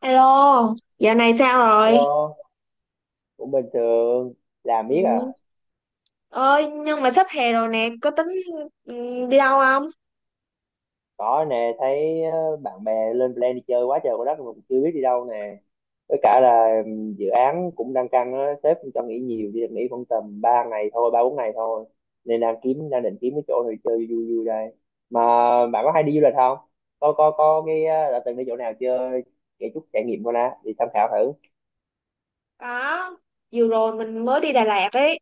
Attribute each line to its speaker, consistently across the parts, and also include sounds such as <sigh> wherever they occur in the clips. Speaker 1: Alo, dạo này sao rồi?
Speaker 2: Hello, cũng bình thường, làm biết à,
Speaker 1: Ừ. Ơi, nhưng mà sắp hè rồi nè, có tính, ừ, đi đâu không?
Speaker 2: có nè, thấy bạn bè lên plan đi chơi quá trời quá đất mà cũng chưa biết đi đâu nè, với cả là dự án cũng đang căng á, sếp cũng cho nghỉ nhiều, chỉ được nghỉ khoảng tầm 3 ngày thôi, ba bốn ngày thôi, nên đang định kiếm cái chỗ nào đi chơi vui vui đây, mà bạn có hay đi du lịch không? Có đã từng đi chỗ nào chơi, kể chút trải nghiệm coi nè, đi tham khảo thử,
Speaker 1: Có, vừa rồi mình mới đi Đà Lạt ấy,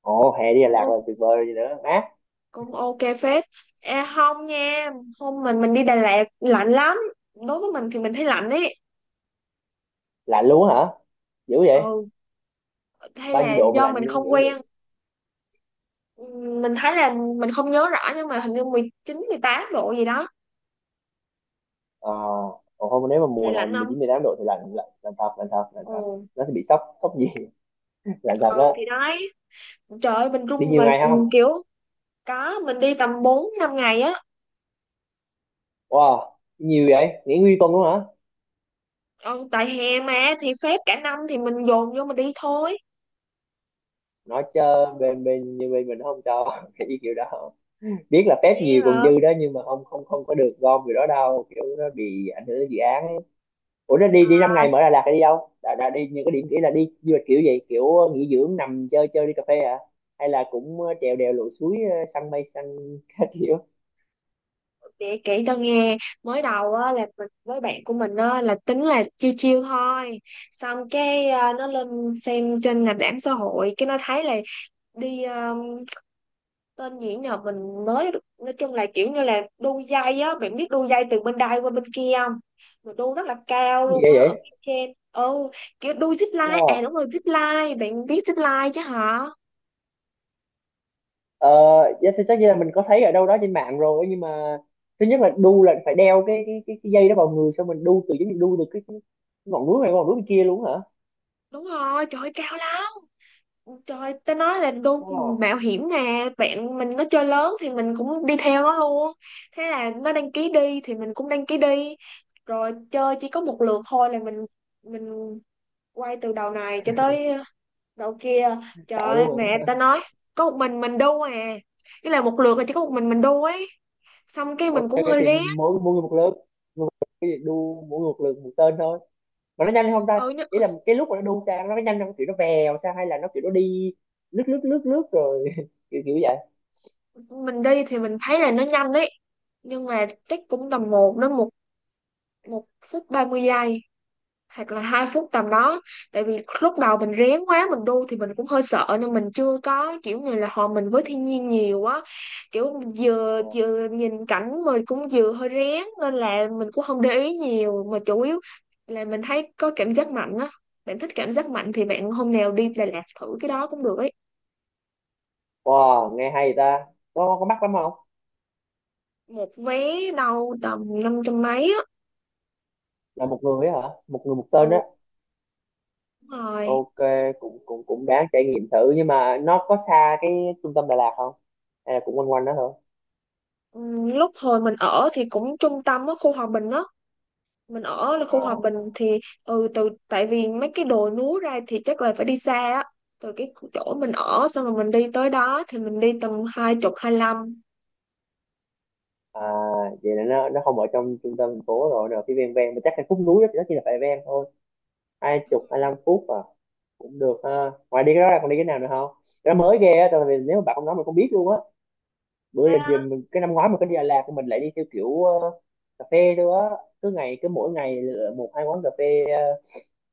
Speaker 2: ồ, hè đi Đà
Speaker 1: cũng
Speaker 2: Lạt
Speaker 1: ok,
Speaker 2: là tuyệt vời rồi gì nữa, á,
Speaker 1: cũng ok phết. À, không nha, hôm mình đi Đà Lạt lạnh lắm. Đối với mình thì mình thấy lạnh ấy.
Speaker 2: lạnh luôn á hả? Dữ vậy,
Speaker 1: Ừ, hay
Speaker 2: bao
Speaker 1: là
Speaker 2: nhiêu độ mà
Speaker 1: do
Speaker 2: lạnh
Speaker 1: mình
Speaker 2: luôn dữ.
Speaker 1: không quen. Ừ, mình thấy là mình không nhớ rõ nhưng mà hình như 19, 18 độ gì đó.
Speaker 2: Ờ, còn không nếu mà
Speaker 1: Vậy
Speaker 2: mùa này
Speaker 1: lạnh
Speaker 2: mười
Speaker 1: không?
Speaker 2: chín mười tám độ thì lạnh lạnh lạnh thật lạnh thật lạnh thật
Speaker 1: Ừ,
Speaker 2: nó sẽ bị sốc sốc gì. <laughs> Lạnh thật á.
Speaker 1: ừ thì đấy. Trời ơi, mình
Speaker 2: Đi
Speaker 1: run
Speaker 2: nhiều
Speaker 1: mà,
Speaker 2: ngày
Speaker 1: ừ,
Speaker 2: không?
Speaker 1: kiểu có mình đi tầm 4 5 ngày á.
Speaker 2: Wow, nhiều vậy, nghỉ nguyên tuần luôn hả?
Speaker 1: Ừ, tại hè mà, thì phép cả năm thì mình dồn vô mình đi thôi.
Speaker 2: Nói chơi bên bên như bên mình nó không cho <laughs> cái kiểu đó, biết là phép
Speaker 1: Vậy
Speaker 2: nhiều còn
Speaker 1: hả?
Speaker 2: dư đó nhưng mà không không không có được gom kiểu đó đâu, kiểu nó bị ảnh hưởng đến dự án ấy. Ủa nó đi đi năm ngày
Speaker 1: À,
Speaker 2: mở Đà Lạt là đi đâu đã đi những cái điểm kỹ, là đi du lịch kiểu gì, kiểu nghỉ dưỡng nằm chơi chơi đi cà phê hả, hay là cũng trèo đèo lội suối săn mây săn <laughs> các kiểu
Speaker 1: để kể cho nghe, mới đầu á là mình với bạn của mình á là tính là chiêu chiêu thôi, xong cái à, nó lên xem trên nền tảng xã hội cái nó thấy là đi à, tên gì nhờ mình mới, nói chung là kiểu như là đu dây á, bạn biết đu dây từ bên đây qua bên kia không, mà đu rất là cao
Speaker 2: gì
Speaker 1: luôn á ở
Speaker 2: vậy.
Speaker 1: phía trên, ừ, kiểu đu zip line, à
Speaker 2: Wow.
Speaker 1: đúng rồi zip line, bạn biết zip line chứ hả?
Speaker 2: Ờ, dạ, thì chắc là mình có thấy ở đâu đó trên mạng rồi nhưng mà thứ nhất là đu là phải đeo cái dây đó vào người xong mình đu từ, giống như đu từ cái ngọn núi này qua ngọn núi kia luôn hả?
Speaker 1: Đúng rồi, trời ơi, cao lắm. Trời, ta nói là đô
Speaker 2: Wow,
Speaker 1: mạo hiểm nè, bạn mình nó chơi lớn thì mình cũng đi theo nó luôn. Thế là nó đăng ký đi thì mình cũng đăng ký đi. Rồi chơi chỉ có một lượt thôi là mình quay từ đầu này cho tới đầu kia. Trời
Speaker 2: sợ
Speaker 1: ơi,
Speaker 2: luôn
Speaker 1: mẹ
Speaker 2: à.
Speaker 1: ta nói có một mình đu à. Cái là một lượt là chỉ có một mình đu ấy. Xong cái
Speaker 2: <laughs> Ok
Speaker 1: mình cũng
Speaker 2: ok,
Speaker 1: hơi
Speaker 2: thì
Speaker 1: rén.
Speaker 2: mỗi mỗi người một lượt, cái gì đu mỗi người một lượt một tên thôi. Mà nó nhanh không ta?
Speaker 1: Ừ,
Speaker 2: Ý là cái lúc mà nó đu sang nó có nhanh không? Kiểu nó vèo sao hay là nó kiểu nó đi lướt lướt rồi <laughs> kiểu kiểu vậy.
Speaker 1: mình đi thì mình thấy là nó nhanh đấy. Nhưng mà chắc cũng tầm một đến một một phút 30 giây hoặc là 2 phút tầm đó, tại vì lúc đầu mình rén quá mình đu thì mình cũng hơi sợ nên mình chưa có kiểu như là hòa mình với thiên nhiên nhiều á, kiểu vừa
Speaker 2: Ờ.
Speaker 1: vừa nhìn cảnh mà cũng vừa hơi rén nên là mình cũng không để ý nhiều, mà chủ yếu là mình thấy có cảm giác mạnh á. Bạn thích cảm giác mạnh thì bạn hôm nào đi Đà Lạt thử cái đó cũng được ấy.
Speaker 2: Wow, nghe hay ta. Có mắc lắm không?
Speaker 1: Một vé đâu tầm năm trăm mấy á.
Speaker 2: Là một người ấy hả? Một người một tên á.
Speaker 1: Ừ, đúng rồi.
Speaker 2: Ok, cũng cũng cũng đáng trải nghiệm thử nhưng mà nó có xa cái trung tâm Đà Lạt không, hay là cũng quanh quanh đó thôi?
Speaker 1: Ừ, lúc hồi mình ở thì cũng trung tâm á, khu Hòa Bình á, mình ở là
Speaker 2: À,
Speaker 1: khu hòa bình thì, ừ, từ tại vì mấy cái đồi núi ra thì chắc là phải đi xa á. Từ cái chỗ mình ở xong rồi mình đi tới đó thì mình đi tầm 20, 25.
Speaker 2: à vậy là nó không ở trong trung tâm thành phố rồi, rồi phía ven ven mà chắc là khúc núi đó, đó chỉ là phải ven thôi. 20 25 phút à, cũng được ha. Ngoài đi cái đó ra còn đi cái nào nữa không? Cái đó mới ghê á tại vì nếu mà bạn không nói mình không biết luôn á. Bữa giờ thì mình, cái năm ngoái mình có đi Đà Lạt thì mình lại đi theo kiểu cà phê thôi á, cứ ngày cứ mỗi ngày lựa một hai quán cà phê ờ,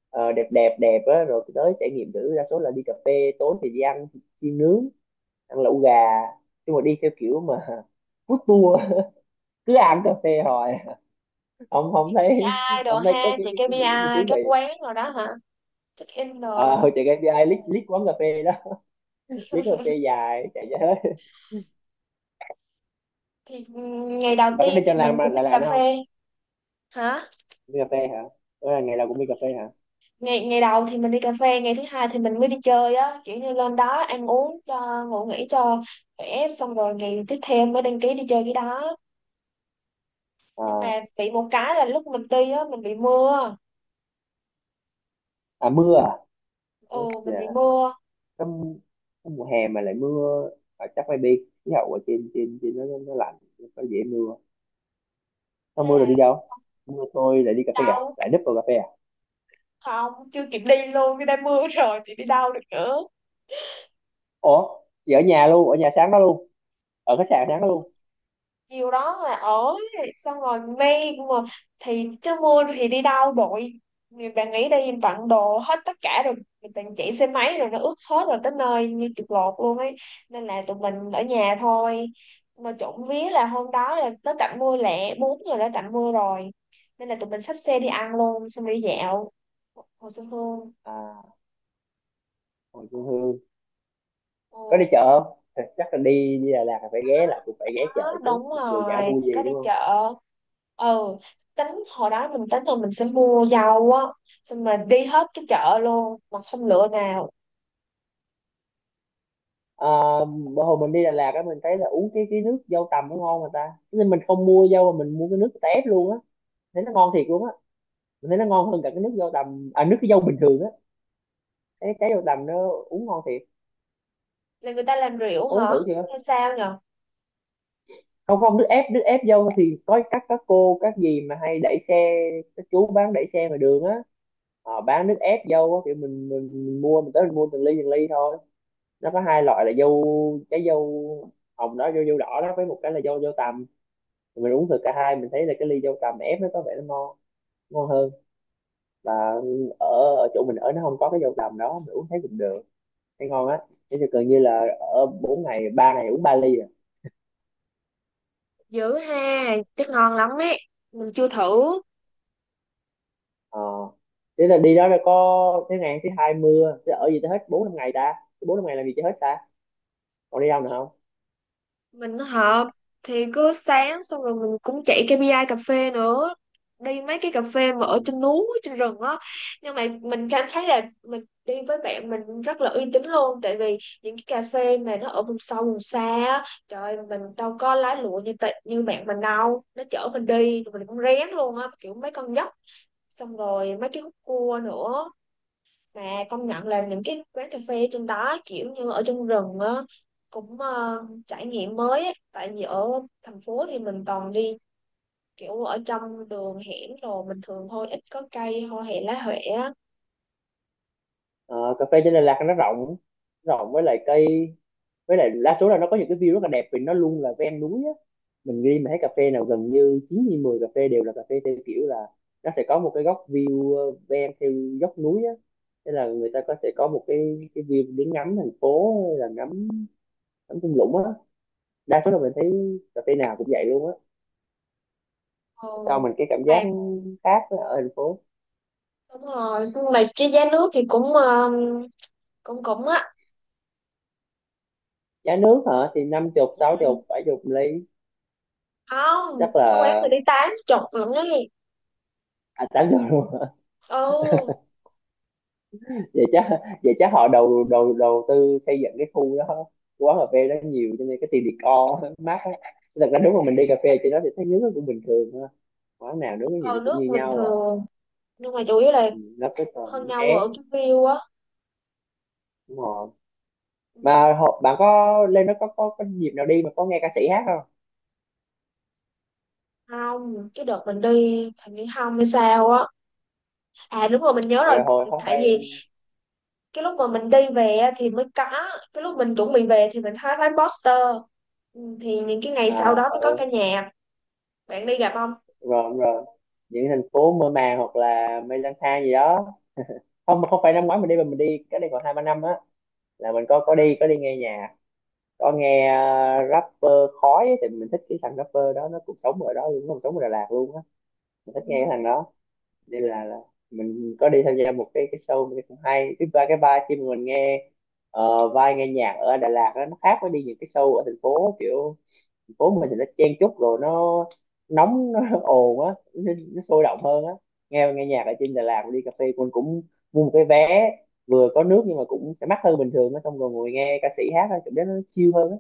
Speaker 2: ờ, đẹp đẹp đẹp á rồi tới trải nghiệm thử, đa số là đi cà phê, tối thì đi ăn chiên nướng, ăn lẩu gà, nhưng mà đi theo kiểu mà <laughs> food tour, cứ ăn cà phê hồi ông không
Speaker 1: Chị
Speaker 2: thấy,
Speaker 1: KPI đồ
Speaker 2: ông thấy
Speaker 1: ha,
Speaker 2: có cái
Speaker 1: chị
Speaker 2: cái cái gì
Speaker 1: KPI
Speaker 2: thú vị,
Speaker 1: các quán rồi đó hả, check in đồ
Speaker 2: ờ
Speaker 1: đó.
Speaker 2: hồi chạy cái ai lít lít quán cà phê đó, <laughs> lít quán cà phê dài chạy ra hết.
Speaker 1: Thì ngày đầu
Speaker 2: Bà có đi
Speaker 1: tiên thì
Speaker 2: cho
Speaker 1: mình
Speaker 2: làm
Speaker 1: cũng đi
Speaker 2: là
Speaker 1: cà
Speaker 2: làm không?
Speaker 1: phê. Hả?
Speaker 2: Đi cà phê hả, ủa là ngày nào cũng đi cà phê hả?
Speaker 1: Ngày ngày đầu thì mình đi cà phê, ngày thứ hai thì mình mới đi chơi á, kiểu như lên đó ăn uống cho ngủ nghỉ cho khỏe, xong rồi ngày tiếp theo mới đăng ký đi chơi cái đó. Nhưng
Speaker 2: À,
Speaker 1: mà bị một cái là lúc mình đi á mình bị mưa.
Speaker 2: à mưa à.
Speaker 1: Ừ, mình bị
Speaker 2: Dạ.
Speaker 1: mưa.
Speaker 2: Cái trong mùa hè mà lại mưa, à, chắc maybe khí hậu ở trên trên trên nó lạnh, nó dễ mưa, nó
Speaker 1: Thế
Speaker 2: mưa rồi đi
Speaker 1: là
Speaker 2: đâu, mưa tôi lại đi cà phê à,
Speaker 1: đau,
Speaker 2: lại núp vào cà phê à.
Speaker 1: không, chưa kịp đi luôn cái đã mưa rồi thì đi đâu được nữa.
Speaker 2: Ủa chị ở nhà luôn, ở nhà sáng đó luôn, ở khách sạn sáng đó luôn.
Speaker 1: Chiều đó là ở, xong rồi may mà, thì chứ mưa thì đi đâu bội. Người bạn nghĩ đi bận đồ hết tất cả rồi, mình toàn chạy xe máy rồi nó ướt hết rồi tới nơi như chuột lột luôn ấy, nên là tụi mình ở nhà thôi. Mà trộm vía là hôm đó là tới tạnh mưa lẹ, 4 giờ đã tạnh mưa rồi, nên là tụi mình xách xe đi ăn luôn, xong đi dạo Hồ Xuân Hương.
Speaker 2: À hồi xuân hương. Có đi
Speaker 1: Ừ.
Speaker 2: chợ không? Thì chắc là đi đi Đà Lạt là phải ghé, lại cũng phải ghé chợ
Speaker 1: Đó,
Speaker 2: chút
Speaker 1: đúng
Speaker 2: mặc dù chả
Speaker 1: rồi,
Speaker 2: vui
Speaker 1: có
Speaker 2: gì
Speaker 1: đi
Speaker 2: đúng không.
Speaker 1: chợ. Ừ, tính hồi đó mình tính là mình sẽ mua dầu á, xong mà đi hết cái chợ luôn mà không lựa nào.
Speaker 2: À, bữa hồi mình đi Đà Lạt á mình thấy là uống cái nước dâu tằm nó ngon mà ta, nên mình không mua dâu mà mình mua cái nước tép luôn á, thấy nó ngon thiệt luôn á, mình thấy nó ngon hơn cả cái nước dâu tằm à, nước cái dâu bình thường á, cái dâu tằm nó uống ngon thiệt.
Speaker 1: Là người ta làm rượu
Speaker 2: Uống
Speaker 1: hả
Speaker 2: thử chưa?
Speaker 1: hay sao nhở?
Speaker 2: Không không, nước ép, nước ép dâu thì có các cô các dì mà hay đẩy xe, các chú bán đẩy xe ngoài đường á, họ bán nước ép dâu á, kiểu mình, mình mua, mình tới mình mua từng ly thôi, nó có hai loại là dâu, trái dâu hồng đó, dâu dâu đỏ đó, với một cái là dâu dâu tằm, mình uống thử cả hai mình thấy là cái ly dâu tằm ép nó có vẻ nó ngon, ngon hơn, và ở, ở chỗ mình ở nó không có cái dâu tằm đó, mình uống thấy cũng được, thấy ngon á, thế thì gần như là ở bốn ngày, ba ngày uống ba ly.
Speaker 1: Dữ ha, chắc ngon lắm ấy, mình chưa thử.
Speaker 2: Ờ. Thế là đi đó là có thế, ngày thứ hai mưa, thế ở gì tới hết bốn năm ngày ta, bốn năm ngày làm gì cho hết ta, còn đi đâu nữa không?
Speaker 1: Mình hợp thì cứ sáng xong rồi mình cũng chạy KPI cà phê nữa, đi mấy cái cà phê mà ở
Speaker 2: Ừ.
Speaker 1: trên núi trên rừng á. Nhưng mà mình cảm thấy là mình đi với bạn mình rất là uy tín luôn, tại vì những cái cà phê mà nó ở vùng sâu vùng xa á, trời ơi, mình đâu có lái lụa như tệ, như bạn mình đâu, nó chở mình đi rồi mình cũng rén luôn á, kiểu mấy con dốc xong rồi mấy cái khúc cua nữa. Mà công nhận là những cái quán cà phê trên đó kiểu như ở trong rừng á, cũng, ờ, trải nghiệm mới ấy. Tại vì ở thành phố thì mình toàn đi kiểu ở trong đường hẻm đồ bình thường thôi, ít có cây hoa hệ lá huệ á.
Speaker 2: Ờ, cà phê trên Đà Lạt nó rộng, rộng với lại cây, với lại đa số là nó có những cái view rất là đẹp vì nó luôn là ven núi á, mình đi mà thấy cà phê nào gần như 9 như 10 cà phê đều là cà phê theo kiểu là nó sẽ có một cái góc view ven theo dốc núi á, thế là người ta có sẽ có một cái view để ngắm thành phố hay là ngắm, ngắm thung lũng á, đa số là mình thấy cà phê nào cũng vậy luôn á,
Speaker 1: Ờ,
Speaker 2: cho mình cái cảm
Speaker 1: nhưng mà
Speaker 2: giác khác với ở thành phố.
Speaker 1: đúng rồi, nhưng mà cái giá nước thì cũng, ờ, cũng cũng á.
Speaker 2: Giá nước hả, thì năm chục
Speaker 1: Ừ,
Speaker 2: sáu chục bảy chục ly,
Speaker 1: không,
Speaker 2: chắc là
Speaker 1: cái quán mình đi tám chục lận ấy.
Speaker 2: à, 80 luôn.
Speaker 1: Ừ.
Speaker 2: <laughs> Vậy chắc, vậy chắc họ đầu đầu đầu tư xây dựng cái khu đó, quán cà phê đó nhiều cho nên cái tiền decor <laughs> mát á. Thật ra nếu mà mình đi cà phê trên đó thì thấy nước nó cũng bình thường thôi, quán nào nước cái gì nó
Speaker 1: Ờ,
Speaker 2: cũng
Speaker 1: nước
Speaker 2: như
Speaker 1: bình
Speaker 2: nhau à.
Speaker 1: thường, nhưng mà chủ yếu là
Speaker 2: Ừ, nó cái còn
Speaker 1: hơn
Speaker 2: nước
Speaker 1: nhau
Speaker 2: ép,
Speaker 1: ở cái view á.
Speaker 2: đúng rồi.
Speaker 1: Ừ.
Speaker 2: Mà họ, bạn có lên đó có dịp nào đi mà có nghe ca sĩ hát không?
Speaker 1: Không, cái đợt mình đi thằng Nguyễn Hồng hay sao á, à đúng rồi mình nhớ
Speaker 2: Tại
Speaker 1: rồi,
Speaker 2: hồi không
Speaker 1: tại
Speaker 2: phải,
Speaker 1: vì cái lúc mà mình đi về á thì mới có, cái lúc mình chuẩn bị về thì mình thấy bán poster. Ừ, thì những cái ngày sau đó
Speaker 2: à ờ,
Speaker 1: mới có ca nhạc. Bạn đi gặp không?
Speaker 2: rồi rồi, những thành phố mơ màng hoặc là mây lang thang gì đó, không mà không phải năm ngoái mình đi mà mình đi cái đây còn hai ba năm á, là mình có có đi nghe nhạc, có nghe rapper khói á, thì mình thích cái thằng rapper đó nó cũng sống ở đó luôn, nó cũng sống ở Đà Lạt luôn á, mình thích nghe cái
Speaker 1: Ừ.
Speaker 2: thằng đó, nên là mình có đi tham gia một cái show mình thấy cũng hay, thứ ba cái ba khi mà mình nghe vai nghe nhạc ở Đà Lạt đó, nó khác với đi những cái show ở thành phố, kiểu phố mình thì nó chen chúc rồi nó nóng nó <laughs> ồn á, nó sôi động hơn á, nghe nghe nhạc ở trên Đà Lạt đi cà phê mình cũng mua một cái vé, vừa có nước nhưng mà cũng sẽ mắc hơn bình thường á, xong rồi ngồi nghe ca sĩ hát á, cảm giác nó chill hơn á,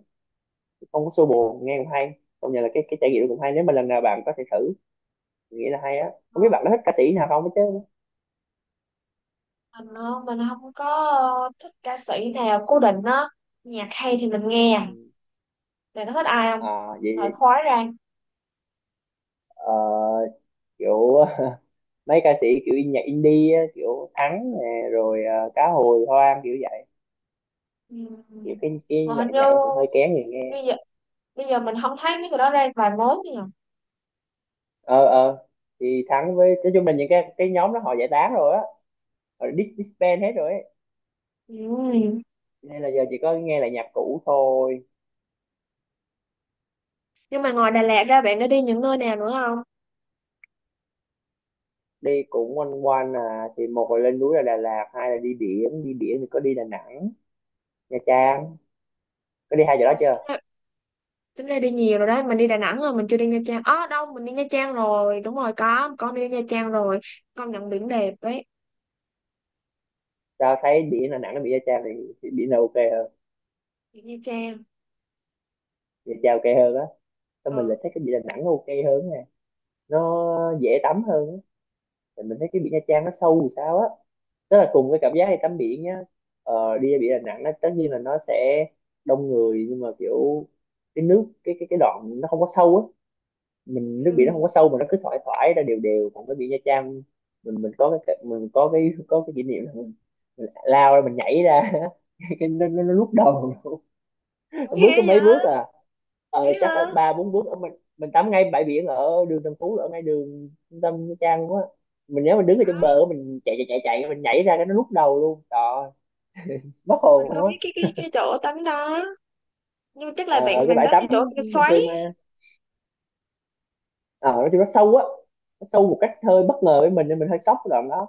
Speaker 2: không có xô bồ, nghe cũng hay, công nhận là cái trải nghiệm đó cũng hay, nếu mà lần nào bạn có thể thử, mình nghĩ là hay á, không biết bạn
Speaker 1: Ờ,
Speaker 2: có thích ca sĩ nào không hết chứ.
Speaker 1: mình, ờ, mình không có, ờ, thích ca sĩ nào cố định á, nhạc hay thì mình
Speaker 2: Ừ.
Speaker 1: nghe. Bạn có thích ai không,
Speaker 2: À
Speaker 1: loại
Speaker 2: vậy,
Speaker 1: khói ra.
Speaker 2: ờ, kiểu <laughs> mấy ca sĩ kiểu nhạc indie á, kiểu Thắng nè rồi Cá Hồi Hoang kiểu vậy,
Speaker 1: Ừ.
Speaker 2: kiểu cái
Speaker 1: Mà
Speaker 2: cái
Speaker 1: hình
Speaker 2: loại
Speaker 1: như
Speaker 2: nhạc nó cũng hơi kén người nghe.
Speaker 1: bây giờ bây giờ mình không thấy mấy người đó ra vài mối nữa
Speaker 2: Ờ ờ, thì Thắng với nói chung là những cái nhóm đó họ giải tán rồi á, họ disband hết rồi ấy,
Speaker 1: nhỉ. Ừ.
Speaker 2: nên là giờ chỉ có nghe lại nhạc cũ thôi.
Speaker 1: Nhưng mà ngoài Đà Lạt ra bạn đã đi những nơi nào nữa không?
Speaker 2: Đi cũng quanh quanh à, thì một là lên núi là Đà Lạt, hai là đi biển, đi biển thì có đi Đà Nẵng, Nha Trang, có đi hai chỗ đó
Speaker 1: Rồi,
Speaker 2: chưa.
Speaker 1: tính ra, tính ra đi nhiều rồi đấy, mình đi Đà Nẵng rồi, mình chưa đi Nha Trang. Ờ đâu, mình đi Nha Trang rồi, đúng rồi có, con đi Nha Trang rồi, con nhận biển đẹp đấy,
Speaker 2: Tao thấy biển Đà Nẵng nó bị Nha Trang thì biển là ok hơn,
Speaker 1: biển Nha Trang.
Speaker 2: Nha Trang ok hơn á, sao mình
Speaker 1: Ờ.
Speaker 2: lại thấy cái biển Đà Nẵng nó ok hơn nè, nó dễ tắm hơn á. Thì mình thấy cái biển Nha Trang nó sâu thì sao á, tức là cùng cái cảm giác đi tắm biển nhá, ờ, đi ra biển Đà Nẵng nó tất nhiên là nó sẽ đông người nhưng mà kiểu cái nước cái đoạn nó không có sâu á, mình nước biển nó
Speaker 1: Ừ.
Speaker 2: không có sâu mà nó cứ thoải thoải ra đều đều, còn cái biển Nha Trang, mình mình có cái kỷ niệm là mình lao ra, mình nhảy ra <laughs> cái nó lúc đầu bước có mấy bước à, ờ, chắc là ba bốn bước ở, mình tắm ngay bãi biển ở đường Tân Phú ở ngay đường trung tâm Nha Trang quá, mình nhớ mình đứng ở trong bờ á, mình chạy chạy chạy chạy mình nhảy ra cái nó lúc đầu luôn, trời ơi, mất
Speaker 1: Mình
Speaker 2: hồn
Speaker 1: có
Speaker 2: luôn á.
Speaker 1: biết cái chỗ tắm đó, nhưng mà chắc
Speaker 2: Ờ,
Speaker 1: là bạn
Speaker 2: cái
Speaker 1: bạn
Speaker 2: bãi
Speaker 1: tắm cái
Speaker 2: tắm
Speaker 1: chỗ cái
Speaker 2: bình
Speaker 1: xoáy.
Speaker 2: thường mà ờ, nói chung nó sâu á, nó sâu một cách hơi bất ngờ với mình nên mình hơi sốc cái đoạn đó,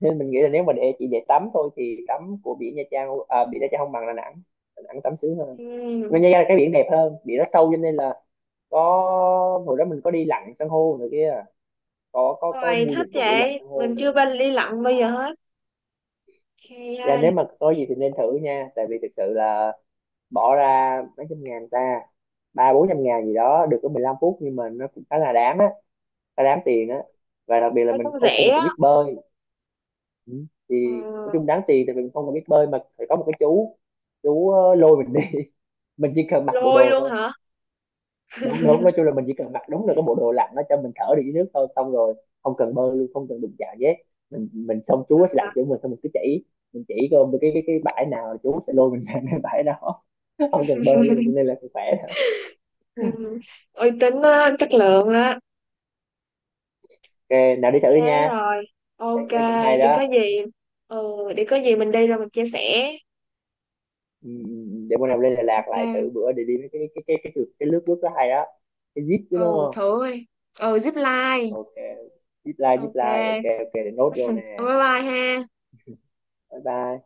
Speaker 2: nên mình nghĩ là nếu mình để chỉ để tắm thôi thì tắm của biển Nha Trang à, biển Nha Trang không bằng Đà Nẵng, Đà Nẵng tắm sướng hơn.
Speaker 1: Ừ.
Speaker 2: Nên Nha Trang là cái biển đẹp hơn, biển nó sâu cho nên là có, hồi đó mình có đi lặn san hô rồi kia, có có
Speaker 1: Rồi
Speaker 2: mua
Speaker 1: thích
Speaker 2: dịch vụ lặn
Speaker 1: vậy,
Speaker 2: san hô
Speaker 1: mình chưa
Speaker 2: nữa.
Speaker 1: bao đi lặn bây giờ hết. Hay
Speaker 2: Dạ nếu
Speaker 1: ai,
Speaker 2: mà có gì thì nên thử nha tại vì thực sự là bỏ ra mấy trăm ngàn ta, ba bốn trăm ngàn gì đó được có 15 phút nhưng mà nó cũng khá là đáng á, khá đáng tiền á, và đặc biệt là
Speaker 1: thấy
Speaker 2: mình
Speaker 1: cũng
Speaker 2: không không
Speaker 1: rẻ
Speaker 2: cần phải
Speaker 1: á.
Speaker 2: biết bơi. Ừ. Thì
Speaker 1: Ờ.
Speaker 2: nói chung đáng tiền thì mình không cần biết bơi mà phải có một cái chú lôi mình đi <laughs> mình chỉ cần mặc bộ
Speaker 1: Lôi
Speaker 2: đồ
Speaker 1: luôn
Speaker 2: thôi.
Speaker 1: hả?
Speaker 2: Đúng đúng, nói chung là mình chỉ cần mặc đúng là cái bộ đồ lặn nó cho mình thở được dưới nước thôi, xong rồi không cần bơi luôn, không cần đụng chạm gì hết, mình xong chú sẽ lặn chỗ mình, xong mình cứ chỉ, mình chỉ coi cái bãi nào là chú sẽ lôi mình sang cái bãi đó <laughs> không cần bơi luôn cho nên là cũng khỏe.
Speaker 1: Ừ. Uy tín á, chất lượng á.
Speaker 2: Ok nào đi
Speaker 1: Chắc
Speaker 2: thử đi
Speaker 1: thế
Speaker 2: nha,
Speaker 1: rồi, ok,
Speaker 2: cái cũng hay
Speaker 1: thì có
Speaker 2: đó.
Speaker 1: gì. Ừ, thì có gì mình đi rồi mình chia sẻ.
Speaker 2: Ừ, ừ, ừ, để bữa nào lên Đà Lạt lại
Speaker 1: Ok.
Speaker 2: thử bữa, để đi mấy cái lướt nước đó hay đó, cái zip chứ đúng
Speaker 1: Ừ
Speaker 2: không.
Speaker 1: thử ơi, ừ zip line,
Speaker 2: Ok, zip line, zip
Speaker 1: ok,
Speaker 2: line, ok ok để nốt vô nè.
Speaker 1: bye bye ha.
Speaker 2: Bye bye.